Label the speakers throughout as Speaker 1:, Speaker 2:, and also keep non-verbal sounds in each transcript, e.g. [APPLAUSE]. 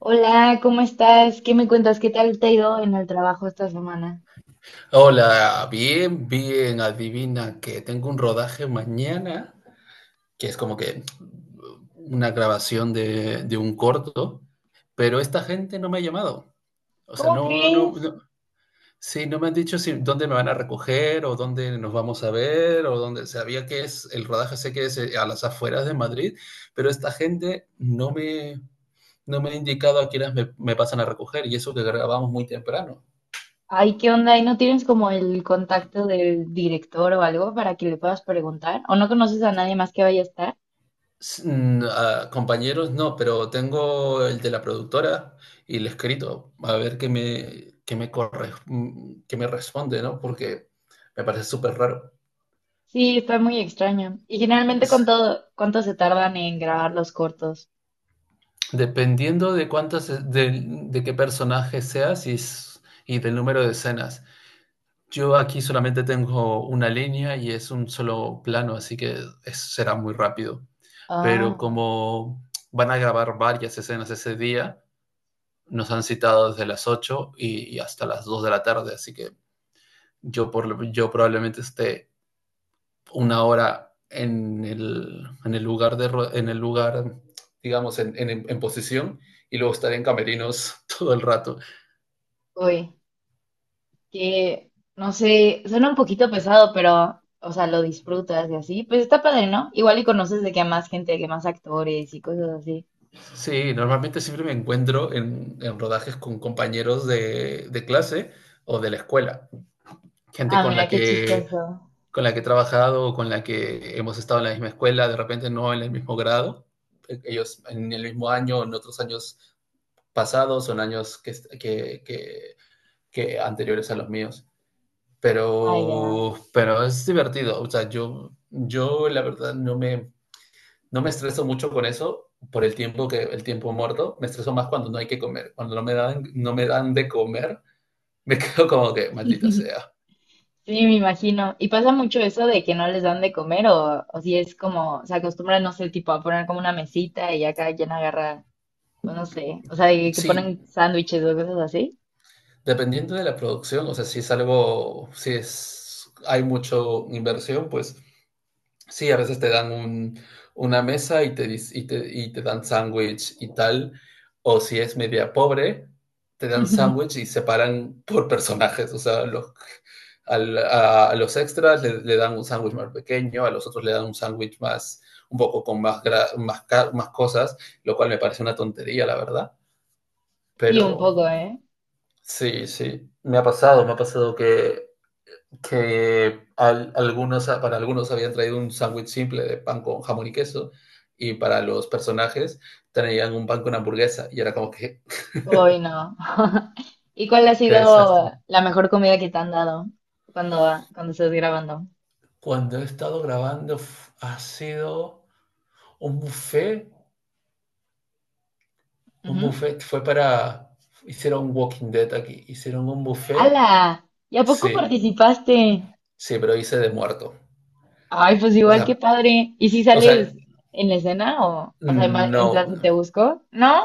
Speaker 1: Hola, ¿cómo estás? ¿Qué me cuentas? ¿Qué tal te ha ido en el trabajo esta semana?
Speaker 2: Hola, bien, bien, adivina que tengo un rodaje mañana, que es como que una grabación de un corto, pero esta gente no me ha llamado. O sea,
Speaker 1: ¿Cómo
Speaker 2: no, no,
Speaker 1: crees?
Speaker 2: no, sí, no me han dicho si, dónde me van a recoger o dónde nos vamos a ver o dónde, sabía que es, el rodaje sé que es a las afueras de Madrid, pero esta gente no me, ha indicado a quiénes me pasan a recoger y eso que grabamos muy temprano.
Speaker 1: Ay, ¿qué onda? ¿Y no tienes como el contacto del director o algo para que le puedas preguntar? ¿O no conoces a nadie más que vaya a estar?
Speaker 2: A compañeros, no, pero tengo el de la productora y el escrito, a ver corre, qué me responde, ¿no? Porque me parece súper raro.
Speaker 1: Sí, está muy extraño. ¿Y generalmente
Speaker 2: S-
Speaker 1: cuánto se tardan en grabar los cortos?
Speaker 2: Dependiendo de cuántas, de qué personaje seas y, y del número de escenas. Yo aquí solamente tengo una línea y es un solo plano, así que será muy rápido. Pero
Speaker 1: Ah,
Speaker 2: como van a grabar varias escenas ese día, nos han citado desde las 8 y hasta las 2 de la tarde, así que yo probablemente esté una hora en el lugar, en el lugar digamos, en posición y luego estaré en camerinos [LAUGHS] todo el rato.
Speaker 1: uy, que no sé, suena un poquito pesado, pero, o sea, lo disfrutas y así. Pues está padre, ¿no? Igual y conoces de que a más gente, que más actores y cosas así.
Speaker 2: Sí, normalmente siempre me encuentro en, rodajes con compañeros de clase o de la escuela. Gente
Speaker 1: Ah,
Speaker 2: con la
Speaker 1: mira, qué
Speaker 2: que,
Speaker 1: chistoso.
Speaker 2: con la que he trabajado, con la que hemos estado en la misma escuela, de repente no en el mismo grado, ellos en el mismo año, en otros años pasados, son años que anteriores a los míos.
Speaker 1: Ah, ya.
Speaker 2: pero, es divertido, o sea, yo, la verdad no me estreso mucho con eso por el tiempo, que el tiempo muerto, me estreso más cuando no hay que comer, cuando no me dan de comer, me [LAUGHS] quedo como que maldita sea.
Speaker 1: Sí, me imagino. ¿Y pasa mucho eso de que no les dan de comer o si es como, se acostumbran, no sé, tipo a poner como una mesita y ya cada quien agarra, pues no sé, o sea, de que
Speaker 2: Sí,
Speaker 1: ponen sándwiches o cosas así?
Speaker 2: dependiendo de la producción, o sea, si es algo, si es, hay mucho inversión, pues sí, a veces te dan una mesa y te, dis- y te dan sándwich y tal, o si es media pobre, te dan sándwich
Speaker 1: [LAUGHS]
Speaker 2: y separan por personajes, o sea, a los extras le dan un sándwich más pequeño, a los otros le dan un sándwich más, un poco con más, más, más cosas, lo cual me parece una tontería, la verdad,
Speaker 1: Sí, un
Speaker 2: pero.
Speaker 1: poco, ¿eh?
Speaker 2: Sí, sí. Me ha pasado que para algunos habían traído un sándwich simple de pan con jamón y queso, y para los personajes traían un pan con hamburguesa y era como que,
Speaker 1: Hoy no. [LAUGHS] ¿Y cuál ha
Speaker 2: [LAUGHS] qué
Speaker 1: sido
Speaker 2: desastre.
Speaker 1: la mejor comida que te han dado cuando, cuando estás grabando?
Speaker 2: Cuando he estado grabando ha sido un buffet. un
Speaker 1: Ujú.
Speaker 2: buffet fue para, Hicieron Walking Dead aquí, hicieron un buffet,
Speaker 1: ¡Hala! ¿Y a poco
Speaker 2: sí,
Speaker 1: participaste?
Speaker 2: sí, pero hice de muerto.
Speaker 1: Ay, pues
Speaker 2: O
Speaker 1: igual, qué
Speaker 2: sea,
Speaker 1: padre. ¿Y si
Speaker 2: o sea,
Speaker 1: sales en la escena o sea, en, va- en plan
Speaker 2: no.
Speaker 1: si te busco? No,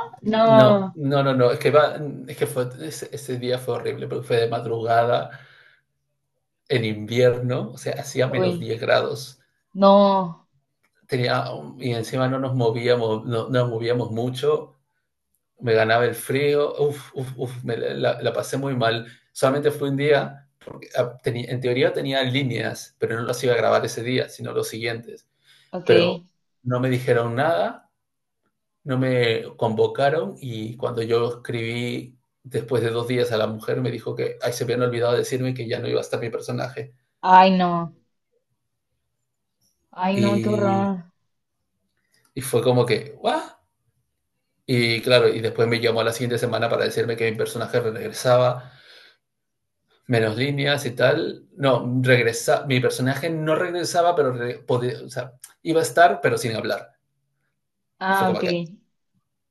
Speaker 2: No,
Speaker 1: no.
Speaker 2: no, no, no, es que fue, ese día fue horrible, porque fue de madrugada, en invierno, o sea, hacía menos
Speaker 1: Uy,
Speaker 2: diez grados,
Speaker 1: no.
Speaker 2: tenía, y encima no nos movíamos, no nos movíamos mucho, me ganaba el frío, uf, uf, uf, me la pasé muy mal, solamente fue un día, porque en teoría tenía líneas, pero no las iba a grabar ese día, sino los siguientes,
Speaker 1: Ok.
Speaker 2: pero no me dijeron nada. No me convocaron, y cuando yo escribí después de 2 días a la mujer, me dijo que ahí se habían olvidado de decirme que ya no iba a estar mi personaje.
Speaker 1: Ay, no. Ay, no, qué
Speaker 2: Y,
Speaker 1: horror.
Speaker 2: y fue como que, ¿what? Y claro, y después me llamó a la siguiente semana para decirme que mi personaje regresaba, menos líneas y tal. No, mi personaje no regresaba, pero o sea, iba a estar, pero sin hablar. Y fue
Speaker 1: Ah,
Speaker 2: como
Speaker 1: ok.
Speaker 2: que,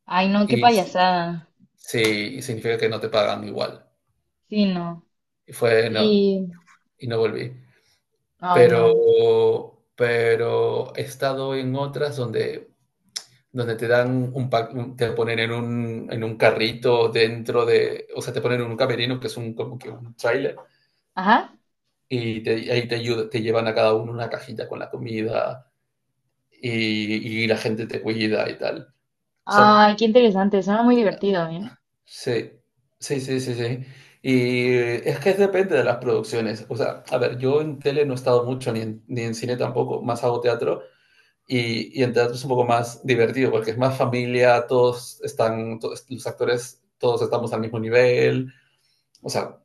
Speaker 1: Ay, no, qué
Speaker 2: y sí,
Speaker 1: payasada.
Speaker 2: sí, y significa que no te pagan igual.
Speaker 1: Sí, no.
Speaker 2: No,
Speaker 1: Y,
Speaker 2: y no volví.
Speaker 1: ay,
Speaker 2: Pero
Speaker 1: no.
Speaker 2: pero he estado en otras donde te dan un pack, un te ponen en un carrito, dentro de o sea, te ponen en un camerino, que es un como que un tráiler,
Speaker 1: Ajá.
Speaker 2: ahí te ayuda, te llevan a cada uno una cajita con la comida, y la gente te cuida y tal. O sea,
Speaker 1: Ay, qué interesante. Suena muy divertido, ¿eh?
Speaker 2: sí, sí, sí, sí, sí. Y es que depende de las producciones. O sea, a ver, yo en tele no he estado mucho, ni en, cine tampoco, más hago teatro. Y en teatro es un poco más divertido porque es más familia, todos están, todos, los actores, todos estamos al mismo nivel, o sea,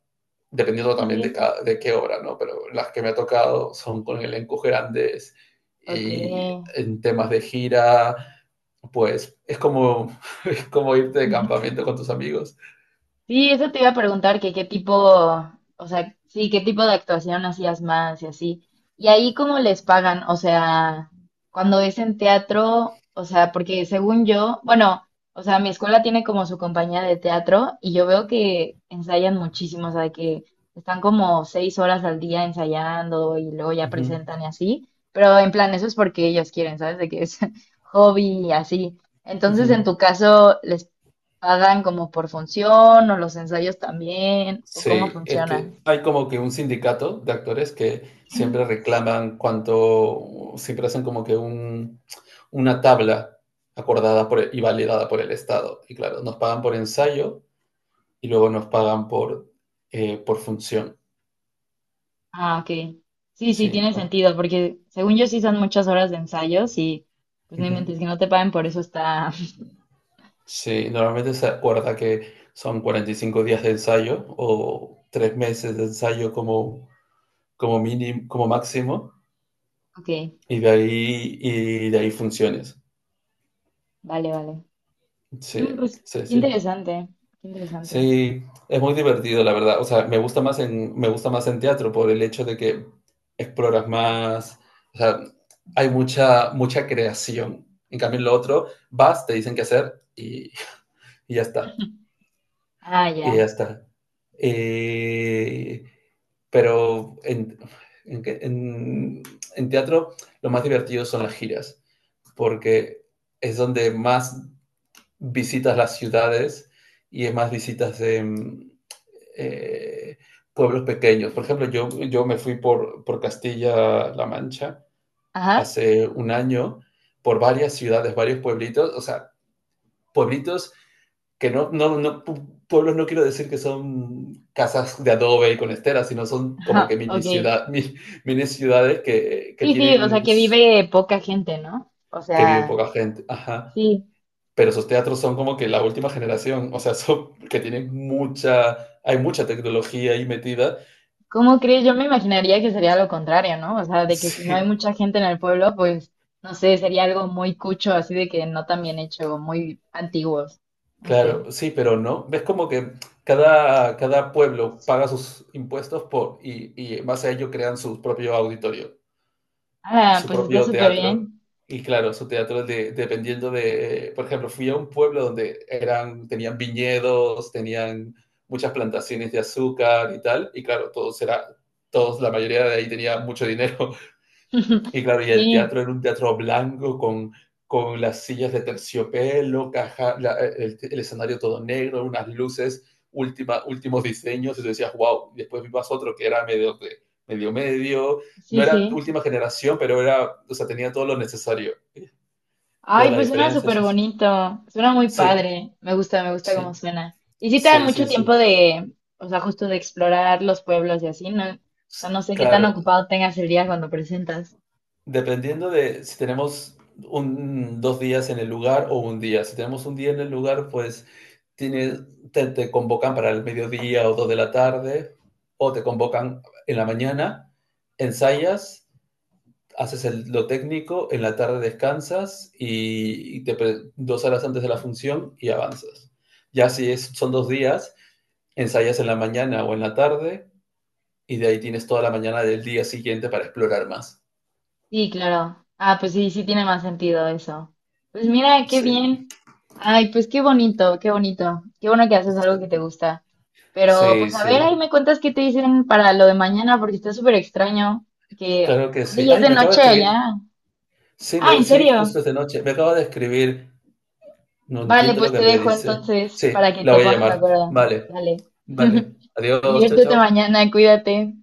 Speaker 2: dependiendo
Speaker 1: Sí,
Speaker 2: también
Speaker 1: sí.
Speaker 2: de qué obra, ¿no? Pero las que me ha tocado son con elencos grandes,
Speaker 1: Ok.
Speaker 2: y en temas de gira, pues es como, [LAUGHS] es como irte de
Speaker 1: [LAUGHS]
Speaker 2: campamento con tus amigos.
Speaker 1: Sí, eso te iba a preguntar, que qué tipo, o sea, sí, qué tipo de actuación hacías más y así. Y ahí cómo les pagan, o sea, cuando es en teatro, o sea, porque según yo, bueno, o sea, mi escuela tiene como su compañía de teatro y yo veo que ensayan muchísimo, o sea, que están como 6 horas al día ensayando y luego ya
Speaker 2: Uh -huh.
Speaker 1: presentan y así, pero en plan, eso es porque ellos quieren, ¿sabes? De que es [LAUGHS] hobby y así.
Speaker 2: Uh
Speaker 1: Entonces, en
Speaker 2: -huh.
Speaker 1: tu caso, ¿les ¿pagan como por función o los ensayos también? ¿O cómo
Speaker 2: Sí, es que
Speaker 1: funciona?
Speaker 2: hay como que un sindicato de actores que siempre reclaman cuánto, siempre hacen como que una tabla acordada por, y validada por el Estado. Y claro, nos pagan por ensayo, y luego nos pagan por función.
Speaker 1: Ah, ok. Sí, sí,
Speaker 2: Sí.
Speaker 1: tiene sentido, porque según yo sí son muchas horas de ensayos y pues no
Speaker 2: Ujú.
Speaker 1: inventes que no te paguen por eso está. [LAUGHS]
Speaker 2: Sí, normalmente se acuerda que son 45 días de ensayo o 3 meses de ensayo, como mínimo, como máximo,
Speaker 1: Ok,
Speaker 2: y de ahí funciones.
Speaker 1: vale, vale. Mm,
Speaker 2: Sí,
Speaker 1: pues
Speaker 2: sí,
Speaker 1: qué
Speaker 2: sí.
Speaker 1: interesante, qué interesante.
Speaker 2: Sí, es muy divertido, la verdad. O sea, me gusta más en, teatro por el hecho de que exploras más, o sea, hay mucha, mucha creación. En cambio, en lo otro, vas, te dicen qué hacer, y ya está.
Speaker 1: Ah,
Speaker 2: Y ya
Speaker 1: ya.
Speaker 2: está. Eh, pero en, que- en- en teatro lo más divertido son las giras, porque es donde más visitas las ciudades, y es más visitas de eh, pueblos pequeños. Por ejemplo, yo, me fui por Castilla-La Mancha
Speaker 1: Ajá.
Speaker 2: hace un año, por varias ciudades, varios pueblitos, o sea, pueblitos que no, no, no, pueblos, no quiero decir que son casas de adobe y con esteras, sino
Speaker 1: [LAUGHS]
Speaker 2: son como que
Speaker 1: Ajá,
Speaker 2: mini,
Speaker 1: ok.
Speaker 2: ciudad, mini, mini ciudades que,
Speaker 1: Sí, sí, o sea
Speaker 2: tienen,
Speaker 1: que vive poca gente, ¿no? O
Speaker 2: que vive
Speaker 1: sea,
Speaker 2: poca gente. Ajá.
Speaker 1: sí.
Speaker 2: Pero esos teatros son como que la última generación, o sea, [LAUGHS] son que tienen mucha, hay mucha tecnología ahí metida.
Speaker 1: ¿Cómo crees? Yo me imaginaría que sería lo contrario, ¿no? O sea, de que si no hay
Speaker 2: Sí,
Speaker 1: mucha gente en el pueblo, pues, no sé, sería algo muy cucho, así de que no tan bien hecho, muy antiguos. No sé.
Speaker 2: claro, sí, pero no. Ves como que cada, pueblo paga sus impuestos y en base a ello crean su propio auditorio,
Speaker 1: Ah,
Speaker 2: su
Speaker 1: pues está
Speaker 2: propio
Speaker 1: súper
Speaker 2: teatro.
Speaker 1: bien.
Speaker 2: Y claro, su teatro dependiendo por ejemplo, fui a un pueblo donde tenían viñedos, tenían muchas plantaciones de azúcar y tal, y claro, la mayoría de ahí tenía mucho dinero.
Speaker 1: [LAUGHS]
Speaker 2: Y claro, y el
Speaker 1: Sí,
Speaker 2: teatro era un teatro blanco con las sillas de terciopelo, caja, el escenario todo negro, unas luces, últimos diseños, y tú decías, wow. Después vimos otro que era medio medio medio,
Speaker 1: sí,
Speaker 2: no era
Speaker 1: sí.
Speaker 2: última generación, pero era, o sea, tenía todo lo necesario. Pero
Speaker 1: Ay,
Speaker 2: la
Speaker 1: pues suena
Speaker 2: diferencia es
Speaker 1: súper
Speaker 2: esa.
Speaker 1: bonito. Suena muy
Speaker 2: Sí,
Speaker 1: padre. Me gusta
Speaker 2: sí,
Speaker 1: cómo suena. Y sí te da
Speaker 2: sí,
Speaker 1: mucho
Speaker 2: sí,
Speaker 1: tiempo
Speaker 2: sí.
Speaker 1: de, o sea, justo de explorar los pueblos y así, ¿no? O sea, no sé qué tan
Speaker 2: Claro,
Speaker 1: ocupado tengas el día cuando presentas.
Speaker 2: dependiendo de si tenemos 2 días en el lugar o un día. Si tenemos un día en el lugar, pues Tienes, te convocan para el mediodía o 2 de la tarde, o te convocan en la mañana, ensayas, haces lo técnico, en la tarde descansas, y te 2 horas antes de la función y avanzas. Ya si es, son 2 días, ensayas en la mañana o en la tarde, y de ahí tienes toda la mañana del día siguiente para explorar más.
Speaker 1: Sí, claro. Ah, pues sí, sí tiene más sentido eso. Pues mira, qué
Speaker 2: Sí,
Speaker 1: bien. Ay, pues qué bonito, qué bonito. Qué bueno que haces algo que
Speaker 2: sí,
Speaker 1: te gusta. Pero
Speaker 2: sí,
Speaker 1: pues a ver, ahí
Speaker 2: sí,
Speaker 1: me cuentas qué te dicen para lo de mañana, porque está súper extraño que
Speaker 2: claro que
Speaker 1: aparte
Speaker 2: sí.
Speaker 1: ya es
Speaker 2: Ay,
Speaker 1: de
Speaker 2: me acaba de
Speaker 1: noche allá.
Speaker 2: escribir. Sí,
Speaker 1: Ah, ¿en
Speaker 2: sí,
Speaker 1: serio?
Speaker 2: justo esta noche. Me acaba de escribir. No
Speaker 1: Vale,
Speaker 2: entiendo lo
Speaker 1: pues te
Speaker 2: que me
Speaker 1: dejo
Speaker 2: dice.
Speaker 1: entonces
Speaker 2: Sí,
Speaker 1: para que
Speaker 2: la
Speaker 1: te
Speaker 2: voy a
Speaker 1: pongas de
Speaker 2: llamar.
Speaker 1: acuerdo.
Speaker 2: Vale,
Speaker 1: Dale. [LAUGHS]
Speaker 2: vale. Adiós, chao,
Speaker 1: Diviértete
Speaker 2: chao.
Speaker 1: mañana, cuídate.